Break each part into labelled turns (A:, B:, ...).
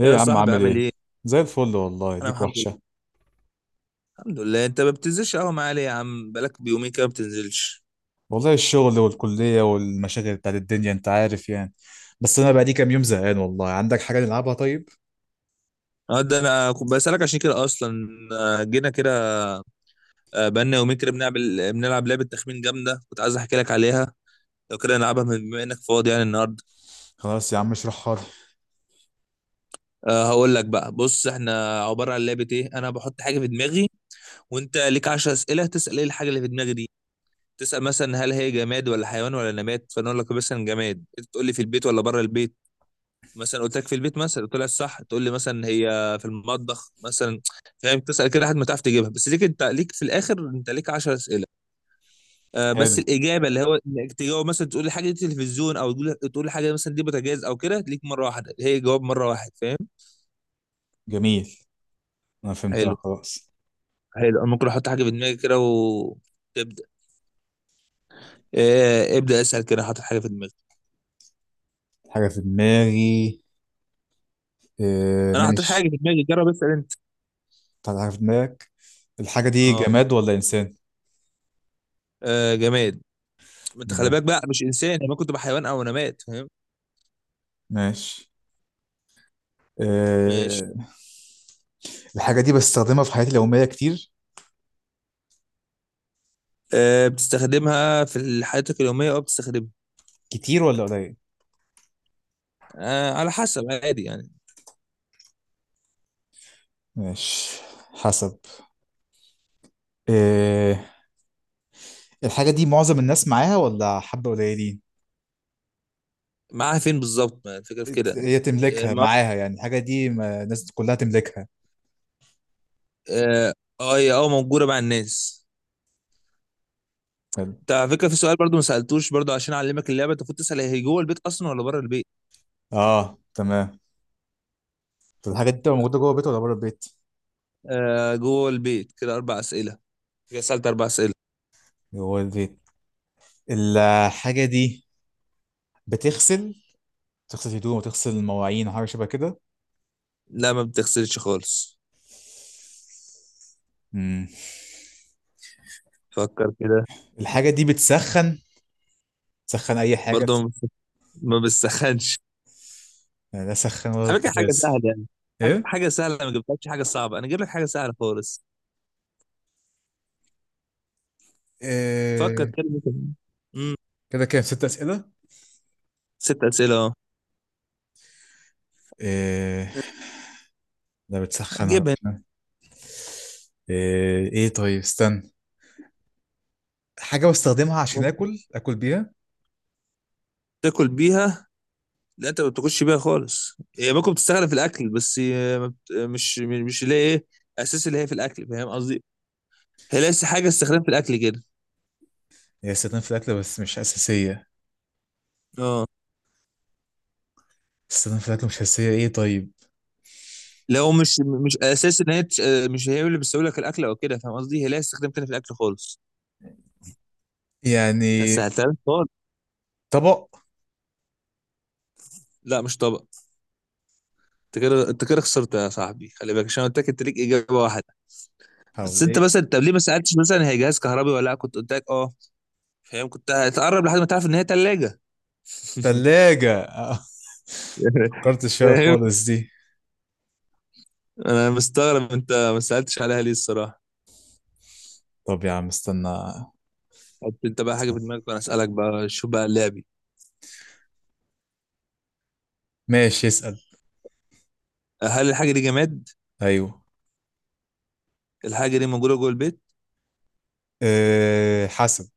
A: ايه
B: يا
A: يا عم
B: صاحبي
A: عامل
B: عامل
A: ايه؟
B: ايه؟
A: زي الفل والله،
B: انا
A: ليك
B: الحمد لله.
A: وحشة.
B: الحمد لله، انت ما بتنزلش قهوه معايا ليه يا عم؟ بقالك بيومين كده ما بتنزلش.
A: والله الشغل والكلية والمشاغل بتاعت الدنيا، انت عارف يعني. بس انا بقى لي كام يوم زهقان والله. عندك حاجة نلعبها طيب؟
B: اه، ده انا كنت بسألك عشان كده اصلا. آه، جينا كده. آه، بقالنا يومين كده بنلعب لعبه تخمين جامده كنت عايز احكي لك عليها. لو كده نلعبها بما انك فاضي يعني النهارده.
A: خلاص يا عم اشرحها لي.
B: هقول لك بقى، بص، احنا عباره عن لعبه ايه؟ انا بحط حاجه في دماغي، وانت ليك 10 اسئله تسأل ايه الحاجه اللي في دماغي دي. تسأل مثلا هل هي جماد ولا حيوان ولا نبات، فانا اقول لك مثلا جماد، انت تقول لي في البيت ولا بره البيت. مثلا قلت لك في البيت، مثلا طلع صح، تقول لي مثلا هي في المطبخ مثلا. فاهم؟ تسال كده لحد ما تعرف تجيبها، بس ليك، انت ليك في الاخر، انت ليك 10 اسئله. آه، بس
A: حلو،
B: الاجابه، اللي هو انك تجاوب مثلا تقول لي حاجه دي تلفزيون، او تقول لي حاجه مثلا دي بوتاجاز او كده، ليك مره واحده، هي جواب مره واحد، فاهم؟
A: جميل، انا فهمتها
B: حلو.
A: خلاص.
B: حلو، انا ممكن احط حاجه في دماغي كده وتبدا. آه، ابدا اسال كده، حاطط حاجه في دماغي.
A: حاجة في دماغي، إيه
B: انا حاطط حاجه
A: ماشي.
B: في دماغي، جرب اسال انت.
A: طلع حاجة في دماغك. الحاجة دي
B: اه.
A: جماد ولا انسان؟
B: آه، جماد. ما انت خلي بالك
A: جماد،
B: بقى، مش انسان، انا كنت بحيوان او نبات، فاهم؟
A: ماشي،
B: ماشي.
A: إيه. الحاجة دي بستخدمها في حياتي اليومية كتير،
B: آه، بتستخدمها في حياتك اليومية، أو بتستخدمها.
A: كتير ولا قليل؟
B: آه، على حسب، عادي يعني.
A: ماشي، حسب، إيه. الحاجة دي معظم الناس معاها ولا حبة قليلين؟
B: معاها فين بالظبط؟ ما الفكرة في كده يعني،
A: هي
B: هي
A: تملكها
B: ما-
A: معاها، يعني الحاجة دي الناس كلها تملكها.
B: اه. آه، هي موجودة مع الناس.
A: حلو.
B: انت على فكرة في سؤال برضو ما سألتوش برضو، عشان أعلمك اللعبة، انت المفروض تسأل هي جوه البيت أصلا ولا بره البيت.
A: اه تمام. طب الحاجة دي بتبقى موجودة جوه البيت ولا بره البيت؟
B: آه، جوه البيت. كده أربع أسئلة، كده سألت أربع أسئلة.
A: جوه البيت. الحاجة دي بتغسل، تغسل هدوم وتغسل مواعين وحاجة شبه كده؟
B: لا، ما بتغسلش خالص.
A: مم.
B: فكر كده.
A: الحاجة دي بتسخن، تسخن أي حاجة؟
B: برضو ما بت- ما بتسخنش.
A: يعني لا سخن ولا
B: على فكرة حاجة
A: بوتاجاز.
B: سهلة يعني. حاجة
A: إيه؟
B: حاجة سهلة، أنا ما جبتلكش حاجة صعبة، أنا جايب لك حاجة سهلة خالص. فكر
A: إيه،
B: كده، ممكن.
A: كده كام؟ ست أسئلة؟
B: ست اسئله، اه.
A: إيه، لا بتسخن
B: هتجيبها.
A: ولا، إيه, ايه طيب استنى. حاجة بستخدمها عشان
B: ممكن
A: اكل، اكل بيها.
B: تاكل بيها. لا، انت ما بتاكلش بيها خالص، هي ممكن بتستخدم في الاكل، بس هي ما بت- مش اللي هي ايه، اساس اللي هي في الاكل، فاهم قصدي؟ هي ليس حاجه استخدام في الاكل كده.
A: هي استخدام في الاكل بس مش اساسية؟
B: اه.
A: استخدام في الاكل مش اساسية، ايه طيب،
B: لو مش اساس ان هي تش- آه، مش هي اللي بتسوي لك الاكل او كده، فاهم قصدي؟ هي ليها استخدام تاني في الاكل خالص. بس
A: يعني
B: سهلتها لك خالص.
A: طبق.
B: لا، مش طبق. انت كده خسرت يا صاحبي، خلي بالك، عشان قلت لك انت ليك اجابه واحده. بس
A: حاول
B: انت
A: ايه.
B: مثلا، طب ليه ما سالتش مثلا هي جهاز كهربي ولا لا؟ كنت قلت لك اه، فاهم؟ كنت هتقرب لحد ما تعرف ان هي ثلاجه.
A: تلاجة، آه، فكرت فيها
B: فاهم.
A: خالص دي.
B: انا مستغرب انت ما سالتش عليها ليه الصراحه.
A: طب يا عم استنى.
B: حط انت بقى حاجه في
A: استنى.
B: دماغك وانا اسالك بقى، شوف بقى لعبي.
A: ماشي اسأل.
B: هل الحاجه دي جماد؟
A: ايوه.
B: الحاجه دي موجوده جوه البيت؟
A: إيه حسب،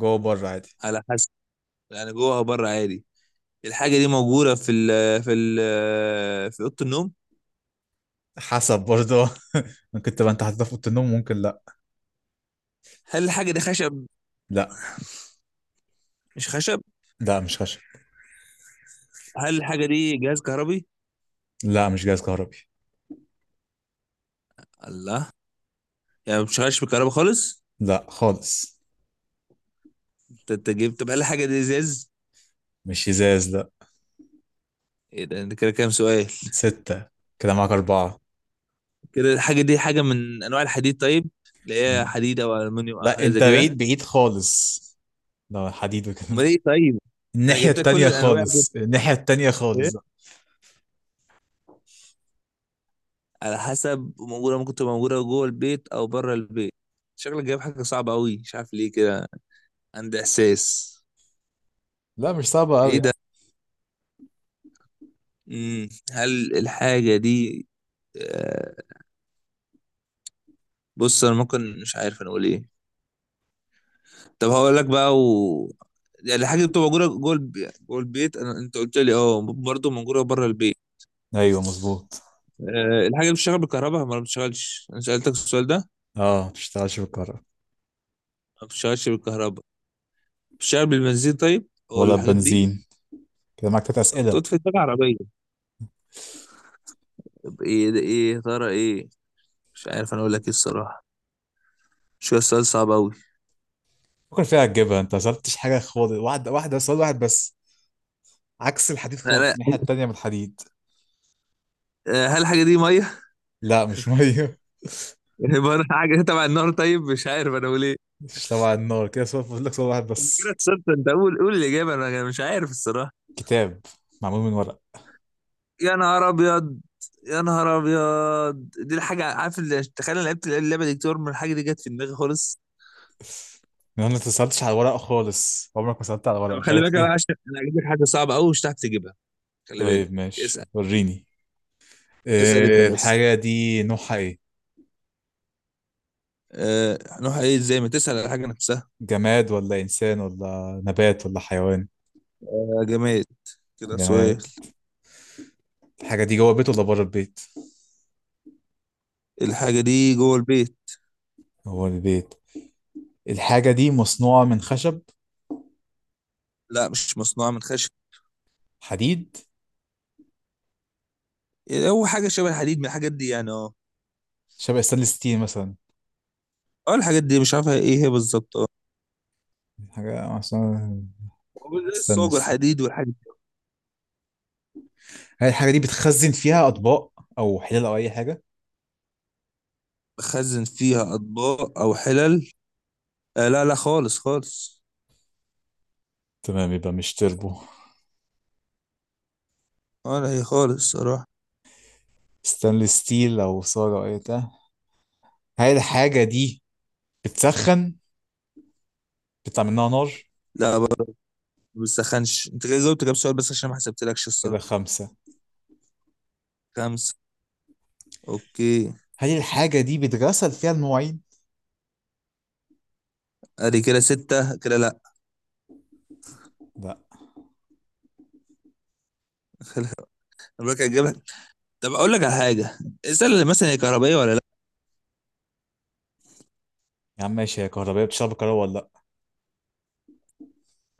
A: جوه بره عادي.
B: على حسب، يعني جوه او بره عادي. الحاجه دي موجوده في ال في ال في اوضه النوم؟
A: حسب برضه. ممكن تبقى انت حاططها في اوضه النوم، ممكن لا.
B: هل الحاجه دي خشب؟
A: لا.
B: مش خشب.
A: لا مش خشب.
B: هل الحاجه دي جهاز كهربي؟
A: لا مش جهاز كهربي.
B: الله. يعني مش خش بالكهرباء خالص.
A: لا خالص.
B: انت جبت، طب هل الحاجه دي ازاز؟
A: مش ازاز لا.
B: ايه ده، انت كده كام سؤال؟
A: ستة. كده معاك أربعة.
B: كده الحاجه دي حاجه من انواع الحديد طيب، اللي هي حديد او المونيوم او
A: لا
B: حاجه
A: أنت
B: زي كده.
A: بعيد، بعيد خالص لو حديد
B: امال
A: وكده.
B: ايه طيب؟ ما انا
A: الناحية
B: جبت لك كل
A: التانية
B: الانواع دي.
A: خالص، الناحية التانية
B: ايه،
A: خالص.
B: على حسب موجوده، ممكن تبقى موجوده جوه البيت او بره البيت. شكلك جايب حاجه صعبه قوي، مش عارف ليه كده، عندي احساس.
A: لا مش صعبة
B: ايه
A: أوي.
B: ده. هل الحاجه دي آه، بص، انا ممكن مش عارف انا اقول ايه. طب هقول لك بقى، و، يعني الحاجه اللي بتبقى موجوده جوه البيت، انت قلت لي اه برضه موجوده بره البيت.
A: يعني أيوه مظبوط.
B: أه، الحاجه اللي بتشتغل بالكهرباء ما بتشتغلش، انا سالتك السؤال ده.
A: أه مشتغلش بالكهرباء.
B: ما بتشتغلش بالكهرباء. بتشتغل بالبنزين طيب، او
A: ولا
B: الحاجات دي؟
A: بنزين. كده معاك تلات أسئلة.
B: محطوط في دماغ عربية. طب ايه ده؟ ايه يا ترى؟ ايه؟ مش عارف انا اقول لك ايه الصراحة، شو السؤال صعب اوي.
A: فكر فيها تجيبها، أنت مسألتش حاجة خالص، واحدة واحدة، سؤال واحد بس. عكس الحديد خالص،
B: انا،
A: الناحية التانية من الحديد.
B: آه، هل الحاجة دي مية؟
A: لا مش مية.
B: عبارة عن حاجة تبع النار طيب؟ مش عارف انا اقول ايه.
A: مش تبع النار. كده سؤال فاضل لك، سؤال واحد
B: انا
A: بس.
B: كده خسرت، انت قول الإجابة، انا، مش عارف الصراحة.
A: كتاب معمول من ورق.
B: يا نهار ابيض. يا نهار ابيض، دي الحاجة، عارف اللي، تخيل، انا لعبت اللعبة دي كتير، من الحاجة دي جت في دماغي خالص.
A: انا ما اتصلتش على الورق خالص، عمرك ما سألت على الورق،
B: طب
A: مش
B: خلي بالك
A: عارف
B: بقى،
A: ليه.
B: عشان انا هجيب لك حاجة صعبة اوي، مش هتعرف تجيبها. خلي بالك.
A: طيب ماشي
B: اسأل.
A: وريني.
B: اسأل انت
A: إيه
B: بس.
A: الحاجة دي نوعها ايه؟
B: أه، هنروح ايه ازاي؟ ما تسأل على حاجة نفسها.
A: جماد ولا انسان ولا نبات ولا حيوان؟
B: أه، جماد. كده سؤال.
A: جماد. الحاجة دي جوه البيت ولا بره البيت؟
B: الحاجة دي جوه البيت.
A: جوه البيت. الحاجة دي مصنوعة من خشب؟
B: لا، مش مصنوعة من خشب.
A: حديد؟
B: إيه، هو حاجة شبه الحديد من الحاجات دي يعني، اه.
A: شبه ستانلس ستيل مثلا؟
B: اه، الحاجات دي مش عارفة ايه هي بالظبط، اه.
A: حاجة مصنوعة،
B: هو زي الصاج
A: ستانلس.
B: والحديد والحاجات دي.
A: هل الحاجة دي بتخزن فيها أطباق أو حلال أو أي حاجة؟
B: بخزن فيها أطباق أو حلل؟ آه، لا، لا خالص، خالص.
A: تمام، يبقى مش تربو،
B: اه، لا، هي خالص صراحة.
A: ستانلس ستيل أو صاج أو أي بتاع. هل الحاجة دي بتسخن، بيطلع منها نار؟
B: لا، ما بتسخنش. انت كده جاوبت كام سؤال بس عشان ما حسبتلكش
A: كده
B: الصراحة.
A: خمسة.
B: خمسة. اوكي.
A: هل الحاجة دي بتغسل فيها المواعين؟
B: ادي كده ستة، كده لا.
A: لا.
B: انا بقى هجيب لك، طب اقول لك على حاجة. السلة اللي مثلا هي كهربائية ولا لا؟
A: يا عم ماشي، هي كهربائية، بتشتغل بالكهرباء ولا لا؟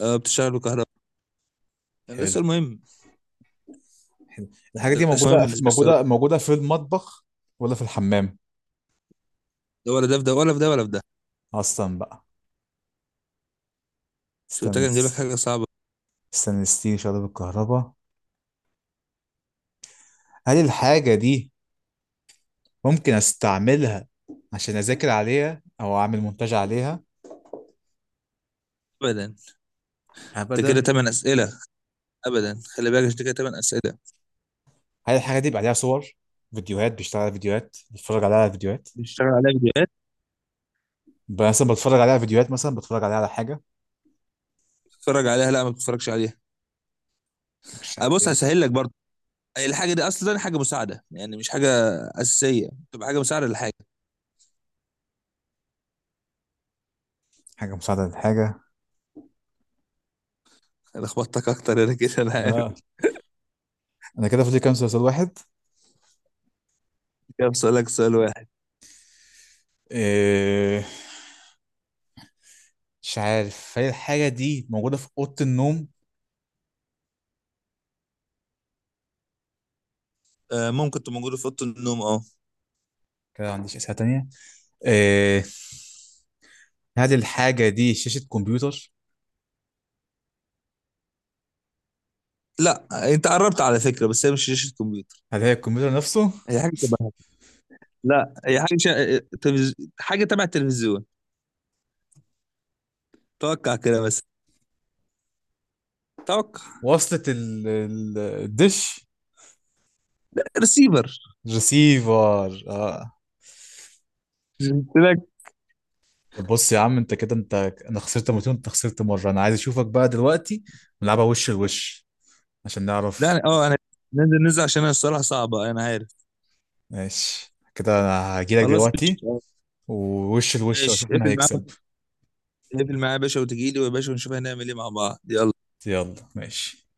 B: آه، بتشتغل بكهرباء. ده
A: حلو.
B: السؤال مهم.
A: حلو. الحاجة
B: ده
A: دي
B: السؤال
A: موجودة،
B: مهم بالنسبة لي
A: موجودة،
B: الصراحة.
A: موجودة في المطبخ ولا في الحمام؟
B: ده ولا ده، في ده ولا في ده ولا في ده.
A: أصلا بقى
B: شو قلت
A: استنى.
B: لك نجيب لك حاجه صعبه.
A: استنى ستيل شغالة بالكهرباء. هل الحاجة دي ممكن أستعملها عشان أذاكر عليها أو أعمل مونتاج عليها؟
B: ابدا. انت كده
A: أبدا.
B: تمن اسئله. ابدا، خلي بالك، انت كده تمن اسئله.
A: هل الحاجة دي بيبقى عليها صور، فيديوهات، بيشتغل على فيديوهات، بتفرج عليها على فيديوهات؟
B: بتشتغل عليها فيديوهات،
A: مثلا بتفرج عليها على فيديوهات، مثلا بتفرج عليها على حاجة
B: بتتفرج عليها. لا، ما بتتفرجش عليها. أه، بص،
A: الشعبية.
B: هسهل لك برضه. الحاجه دي اصلا حاجه مساعده، يعني مش حاجه اساسيه، تبقى حاجه مساعده للحاجه.
A: حاجة مساعدة للحاجة.
B: انا خبطتك اكتر انا، كده انا عارف.
A: اه. أنا كده فاضل كام؟ مسلسل واحد.
B: كده بسألك سؤال واحد.
A: إيه، مش عارف. هل الحاجة دي موجودة في أوضة النوم؟
B: أه، ممكن تبقى موجوده في اوضه النوم، اه.
A: كده ما عنديش أسئلة تانية. إيه. هل الحاجة دي شاشة كمبيوتر؟
B: لا، انت قربت على فكره، بس هي مش شاشه كمبيوتر.
A: هل هي الكمبيوتر نفسه؟
B: هي حاجه تبع، لا هي حاجه تبع التلفزيون. توقع كده بس. توقع.
A: وصلت الدش.
B: ريسيفر.
A: ريسيفر اه.
B: قلت لك.
A: طب بص يا عم انت كده انا خسرت مرتين، انت خسرت مرة، انا عايز اشوفك بقى دلوقتي. نلعبها وش لوش عشان
B: لا
A: نعرف.
B: أنا- اه انا، ننزل عشان انا الصراحه صعبه انا عارف.
A: ماشي، كده انا هجيلك
B: خلاص،
A: دلوقتي
B: قشطة.
A: ووش الوش
B: ماشي،
A: واشوف مين
B: اقفل معاه.
A: هيكسب.
B: اقفل معاه يا باشا، وتجيلي يا باشا، ونشوف هنعمل ايه مع بعض، يلا.
A: يلا ماشي.